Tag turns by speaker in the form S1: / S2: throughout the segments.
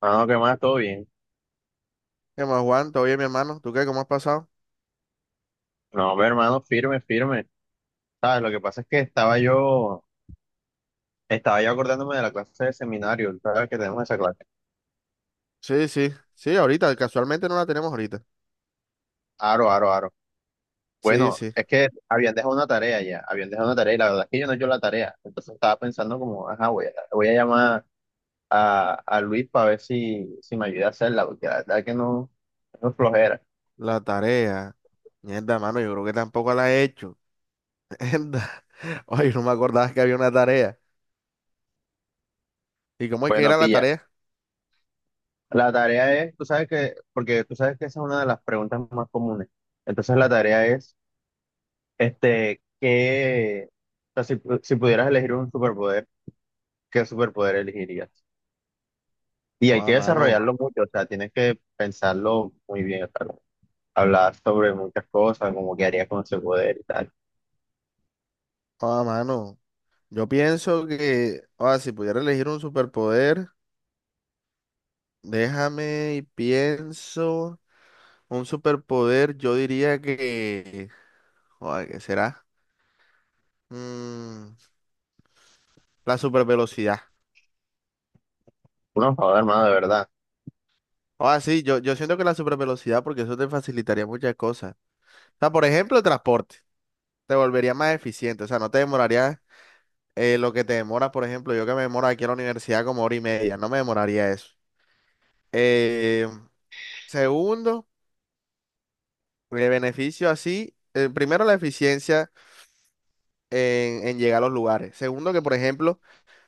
S1: Mano, ¿qué más? ¿Todo bien?
S2: ¿Qué más, Juan? ¿Todo bien, mi hermano? ¿Tú qué? ¿Cómo has pasado?
S1: No, pero, hermano, firme, firme. ¿Sabes? Lo que pasa es que estaba yo acordándome de la clase de seminario, ¿sabes? Que tenemos esa clase.
S2: Sí, sí, sí, ahorita, casualmente no la tenemos ahorita.
S1: Aro, aro, aro.
S2: Sí,
S1: Bueno,
S2: sí,
S1: es que habían dejado una tarea y la verdad es que yo no he hecho la tarea. Entonces estaba pensando como, ajá, voy a llamar a Luis para ver si me ayuda a hacerla, porque la verdad es que no, no es flojera.
S2: la tarea. Mierda, mano, yo creo que tampoco la he hecho. Mierda. Ay, no me acordaba que había una tarea. ¿Y cómo es que
S1: Bueno,
S2: era la
S1: pilla.
S2: tarea?
S1: La tarea es, tú sabes que, porque tú sabes que esa es una de las preguntas más comunes. Entonces la tarea es que, o sea, si pudieras elegir un superpoder, ¿qué superpoder elegirías? Y hay que
S2: Oh, mano,
S1: desarrollarlo mucho, o sea, tienes que pensarlo muy bien, o sea, hablar sobre muchas cosas, como qué harías con ese poder y tal.
S2: oh, mano. Yo pienso que, oh, si pudiera elegir un superpoder, déjame y pienso. Un superpoder, yo diría que, oh, ¿qué será? Mm, la supervelocidad.
S1: Uno, joder, hermano, de verdad.
S2: Ah, sí, yo siento que la supervelocidad, porque eso te facilitaría muchas cosas. O sea, por ejemplo, el transporte. Te volvería más eficiente. O sea, no te demoraría lo que te demora. Por ejemplo, yo que me demoro aquí a la universidad como hora y media. No me demoraría eso. Eh, segundo, el beneficio así. Primero, la eficiencia en llegar a los lugares. Segundo, que por ejemplo,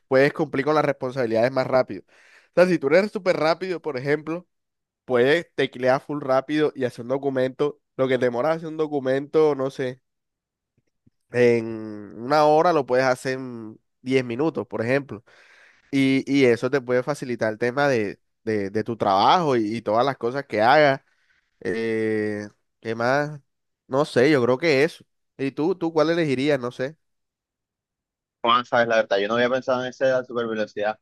S2: puedes cumplir con las responsabilidades más rápido. O sea, si tú eres súper rápido, por ejemplo, puedes teclear full rápido y hacer un documento. Lo que te demoras hacer un documento, no sé, en una hora lo puedes hacer en 10 minutos, por ejemplo. Y eso te puede facilitar el tema de, de tu trabajo y todas las cosas que hagas. Eh, ¿Qué más? No sé, yo creo que eso. ¿Y tú cuál elegirías? No sé.
S1: Juan, sabes, la verdad, yo no había pensado en esa super velocidad,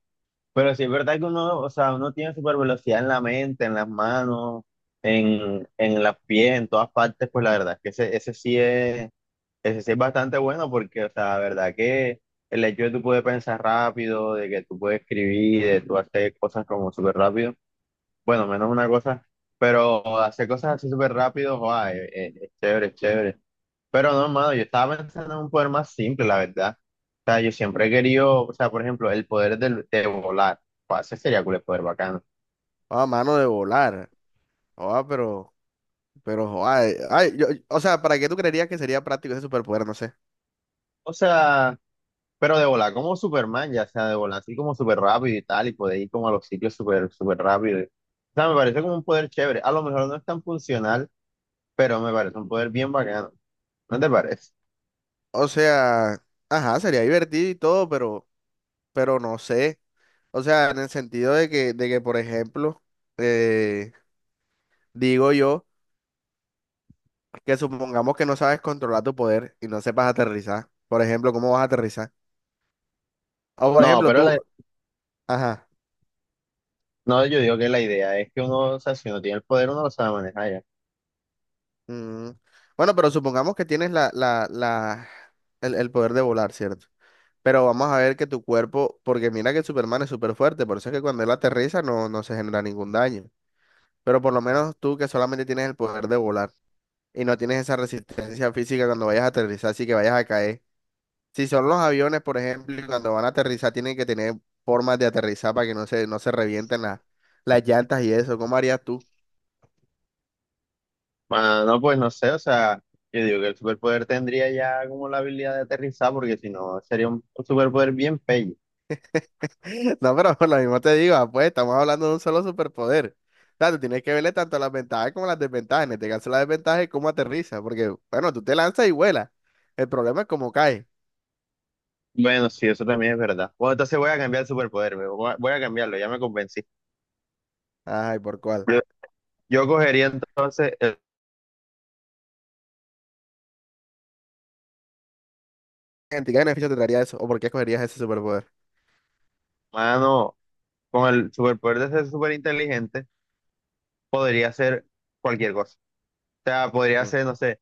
S1: pero sí es verdad que uno, o sea, uno tiene super velocidad en la mente, en las manos, en las pies, en todas partes, pues la verdad es que ese sí es. Ese sí es bastante bueno porque, o sea, la verdad que el hecho de tú poder pensar rápido, de que tú puedes escribir, de tú hacer cosas como súper rápido, bueno, menos una cosa, pero hacer cosas así súper rápido, joa, es chévere, es chévere. Pero no, mano, yo estaba pensando en un poder más simple, la verdad. O sea, yo siempre he querido, o sea, por ejemplo, de volar, joa, ese sería cool, el poder bacano.
S2: Ah, mano, de volar. Ah, pero, pero, joa, o sea, ¿para qué tú creerías que sería práctico ese superpoder? No sé.
S1: O sea, pero de volar como Superman, ya sea de volar así como súper rápido y tal, y poder ir como a los sitios súper, súper rápido. O sea, me parece como un poder chévere. A lo mejor no es tan funcional, pero me parece un poder bien bacano. ¿No te parece?
S2: O sea, ajá, sería divertido y todo, pero no sé. O sea, en el sentido de que por ejemplo, eh, digo yo que supongamos que no sabes controlar tu poder y no sepas aterrizar. Por ejemplo, ¿cómo vas a aterrizar? O por
S1: No,
S2: ejemplo,
S1: pero la-
S2: tú, ajá.
S1: no, yo digo que la idea es que uno, o sea, si uno tiene el poder, uno lo sabe manejar ya.
S2: mm, Bueno, pero supongamos que tienes el poder de volar, ¿cierto? Pero vamos a ver que tu cuerpo, porque mira que Superman es súper fuerte, por eso es que cuando él aterriza no, no se genera ningún daño. Pero por lo menos tú que solamente tienes el poder de volar, y no tienes esa resistencia física cuando vayas a aterrizar, así que vayas a caer. Si son los aviones, por ejemplo, y cuando van a aterrizar, tienen que tener formas de aterrizar para que no se, no se revienten las llantas y eso. ¿Cómo harías tú?
S1: Ah, no, pues no sé, o sea, yo digo que el superpoder tendría ya como la habilidad de aterrizar, porque si no, sería un superpoder bien pello.
S2: No, pero por lo mismo te digo, ah, pues estamos hablando de un solo superpoder. O sea, tú tienes que verle tanto las ventajas como las desventajas. En este caso, la desventaja es cómo aterriza, porque, bueno, tú te lanzas y vuelas. El problema es cómo cae.
S1: Bueno, sí, eso también es verdad. Bueno, entonces voy a cambiar el superpoder, me voy a voy a cambiarlo, ya me convencí.
S2: Ay, ¿por cuál?
S1: Yo cogería entonces el
S2: ¿En ti qué beneficio te traería eso? ¿O por qué escogerías ese superpoder?
S1: humano con el superpoder de ser súper inteligente, podría hacer cualquier cosa. O sea, podría
S2: Mm.
S1: hacer, no sé,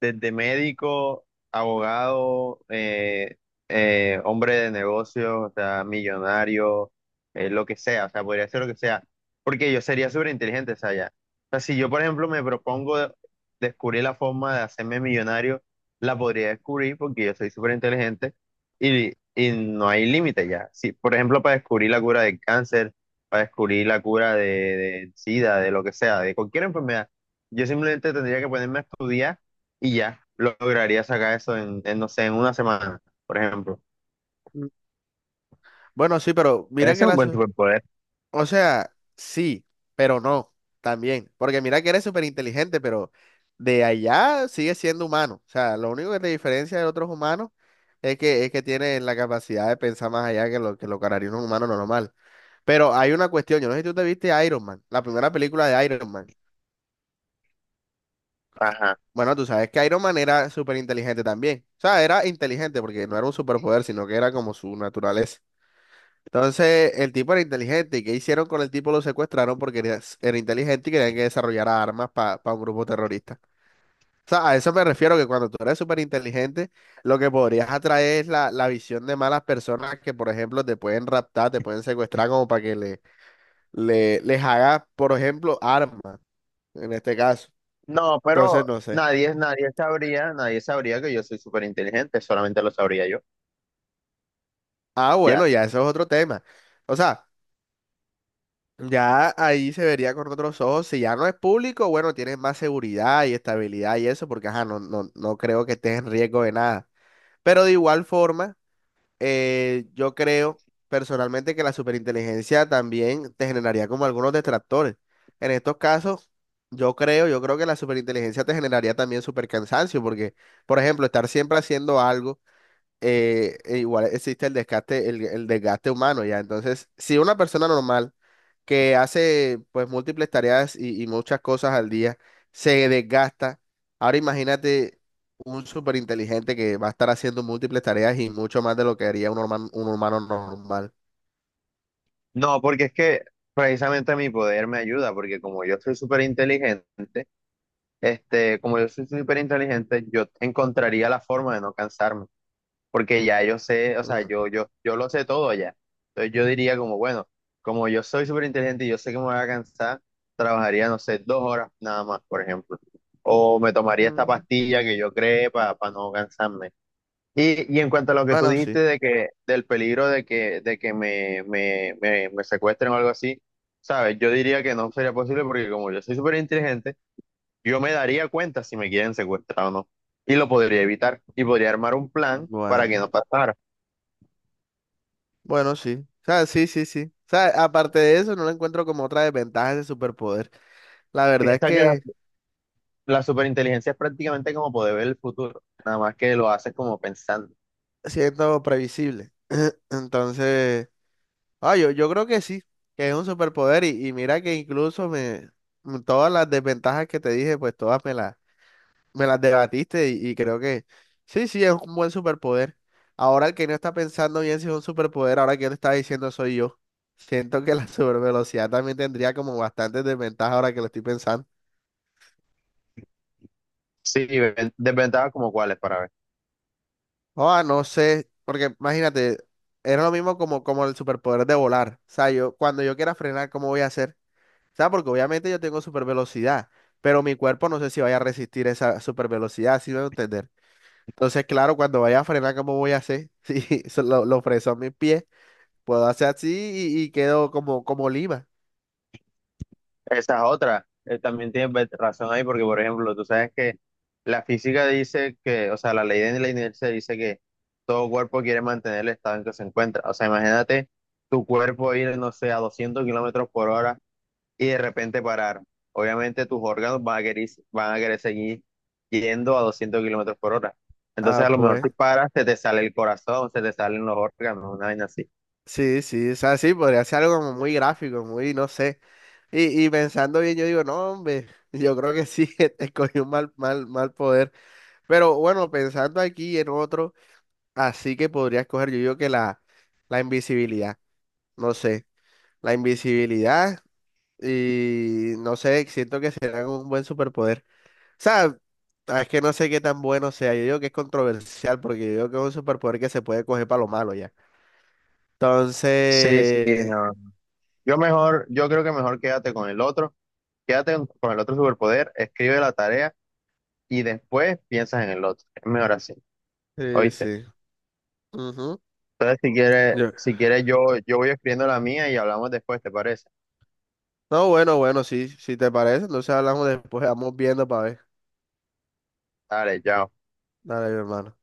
S1: desde médico, abogado, hombre de negocios, o sea, millonario, lo que sea, o sea, podría ser lo que sea, porque yo sería súper inteligente, o sea, ya. O sea, si yo, por ejemplo, descubrir la forma de hacerme millonario, la podría descubrir porque yo soy súper inteligente y no hay límite ya. Si, por ejemplo, para descubrir la cura del cáncer, para descubrir la cura de SIDA, de lo que sea, de cualquier enfermedad, yo simplemente tendría que ponerme a estudiar y ya lograría sacar eso no sé, en una semana, por ejemplo.
S2: Bueno, sí, pero
S1: Ese
S2: mira
S1: es
S2: que
S1: un
S2: las,
S1: buen superpoder.
S2: o sea, sí, pero no, también. Porque mira que eres súper inteligente, pero de allá sigues siendo humano. O sea, lo único que te diferencia de otros humanos es que tienes la capacidad de pensar más allá que lo que lo que haría un humano normal. Pero hay una cuestión, yo no sé si tú te viste Iron Man, la primera película de Iron Man.
S1: Ajá.
S2: Bueno, tú sabes que Iron Man era súper inteligente también. O sea, era inteligente porque no era un superpoder, sino que era como su naturaleza. Entonces, el tipo era inteligente. ¿Y qué hicieron con el tipo? Lo secuestraron porque era, era inteligente y querían que desarrollara armas para un grupo terrorista. O sea, a eso me refiero, que cuando tú eres súper inteligente, lo que podrías atraer es la, la visión de malas personas que, por ejemplo, te pueden raptar, te pueden secuestrar como para que les hagas, por ejemplo, armas, en este caso.
S1: No,
S2: Entonces,
S1: pero
S2: no sé.
S1: nadie sabría que yo soy súper inteligente, solamente lo sabría yo.
S2: Ah,
S1: Ya.
S2: bueno, ya eso es otro tema. O sea, ya ahí se vería con otros ojos. Si ya no es público, bueno, tienes más seguridad y estabilidad y eso, porque ajá, no, no, no creo que estés en riesgo de nada. Pero de igual forma, yo creo personalmente que la superinteligencia también te generaría como algunos detractores. En estos casos, yo creo que la superinteligencia te generaría también supercansancio, porque, por ejemplo, estar siempre haciendo algo, e igual existe el desgaste, el desgaste humano, ya. Entonces, si una persona normal que hace pues múltiples tareas y muchas cosas al día, se desgasta. Ahora imagínate un súper inteligente que va a estar haciendo múltiples tareas y mucho más de lo que haría un, un humano normal.
S1: No, porque es que precisamente mi poder me ayuda, porque como yo soy súper inteligente, como yo soy súper inteligente, yo encontraría la forma de no cansarme, porque ya yo sé, o sea,
S2: Mm,
S1: yo lo sé todo ya. Entonces yo diría como, bueno, como yo soy súper inteligente y yo sé que me voy a cansar, trabajaría, no sé, 2 horas nada más, por ejemplo. O me tomaría esta
S2: mm,
S1: pastilla que yo creé para no cansarme. Y en cuanto a lo que tú
S2: Bueno, sí.
S1: dijiste de que, del peligro de que me secuestren o algo así, ¿sabes? Yo diría que no sería posible porque como yo soy súper inteligente, yo me daría cuenta si me quieren secuestrar o no. Y lo podría evitar. Y podría armar un plan para que
S2: Bueno,
S1: no pasara.
S2: bueno, sí. O sea, sí, sí, sí. O sea, aparte de eso, no lo encuentro como otra desventaja de superpoder. La verdad es
S1: Piensa que la,
S2: que
S1: la superinteligencia es prácticamente como poder ver el futuro, nada más que lo haces como pensando.
S2: siendo previsible. Entonces... Ah, yo creo que sí, que es un superpoder y mira que incluso me todas las desventajas que te dije, pues todas me las debatiste y creo que sí, sí, es un buen superpoder. Ahora el que no está pensando bien si es un superpoder, ahora que yo te estaba diciendo soy yo. Siento que la supervelocidad también tendría como bastantes desventajas ahora que lo estoy pensando.
S1: Sí, ven- desventajas como cuáles para ver.
S2: Ah, no sé, porque imagínate, era lo mismo como, como el superpoder de volar. O sea, yo cuando yo quiera frenar, ¿cómo voy a hacer? O sea, porque obviamente yo tengo super velocidad, pero mi cuerpo no sé si vaya a resistir esa super velocidad, si me voy a entender. Entonces, claro, cuando vaya a frenar, ¿cómo voy a hacer? Si lo freso a mis pies, puedo hacer así y quedo como, como Lima.
S1: Esas otras, también tienes ve- razón ahí, porque por ejemplo, tú sabes que la física dice que, o sea, la ley de la inercia dice que todo cuerpo quiere mantener el estado en que se encuentra. O sea, imagínate tu cuerpo ir, no sé, a 200 km/h y de repente parar. Obviamente tus órganos van a querer seguir yendo a 200 km/h. Entonces a
S2: Ah,
S1: lo mejor
S2: pues
S1: si paras, se te sale el corazón, se te salen los órganos, una vaina así.
S2: sí, sí, o sea, sí, podría ser algo como muy gráfico, muy, no sé. Y pensando bien, yo digo, no, hombre, yo creo que sí, escogí un mal, mal, mal poder. Pero bueno, pensando aquí en otro, así que podría escoger, yo digo que la invisibilidad, no sé. La invisibilidad y no sé, siento que será un buen superpoder. O sea, ah, es que no sé qué tan bueno sea. Yo digo que es controversial porque yo digo que es un superpoder que se puede coger para lo malo ya.
S1: Sí, sí,
S2: Entonces,
S1: no. Yo mejor, yo creo que mejor quédate con el otro, quédate con el otro superpoder, escribe la tarea y después piensas en el otro. Es mejor así,
S2: sí,
S1: ¿oíste?
S2: sí. Ujú,
S1: Entonces
S2: yo-
S1: si quieres yo, yo voy escribiendo la mía y hablamos después, ¿te parece?
S2: no, bueno, bueno, sí, si te parece, entonces hablamos después, vamos viendo para ver.
S1: Dale, chao.
S2: Dale, mi hermano.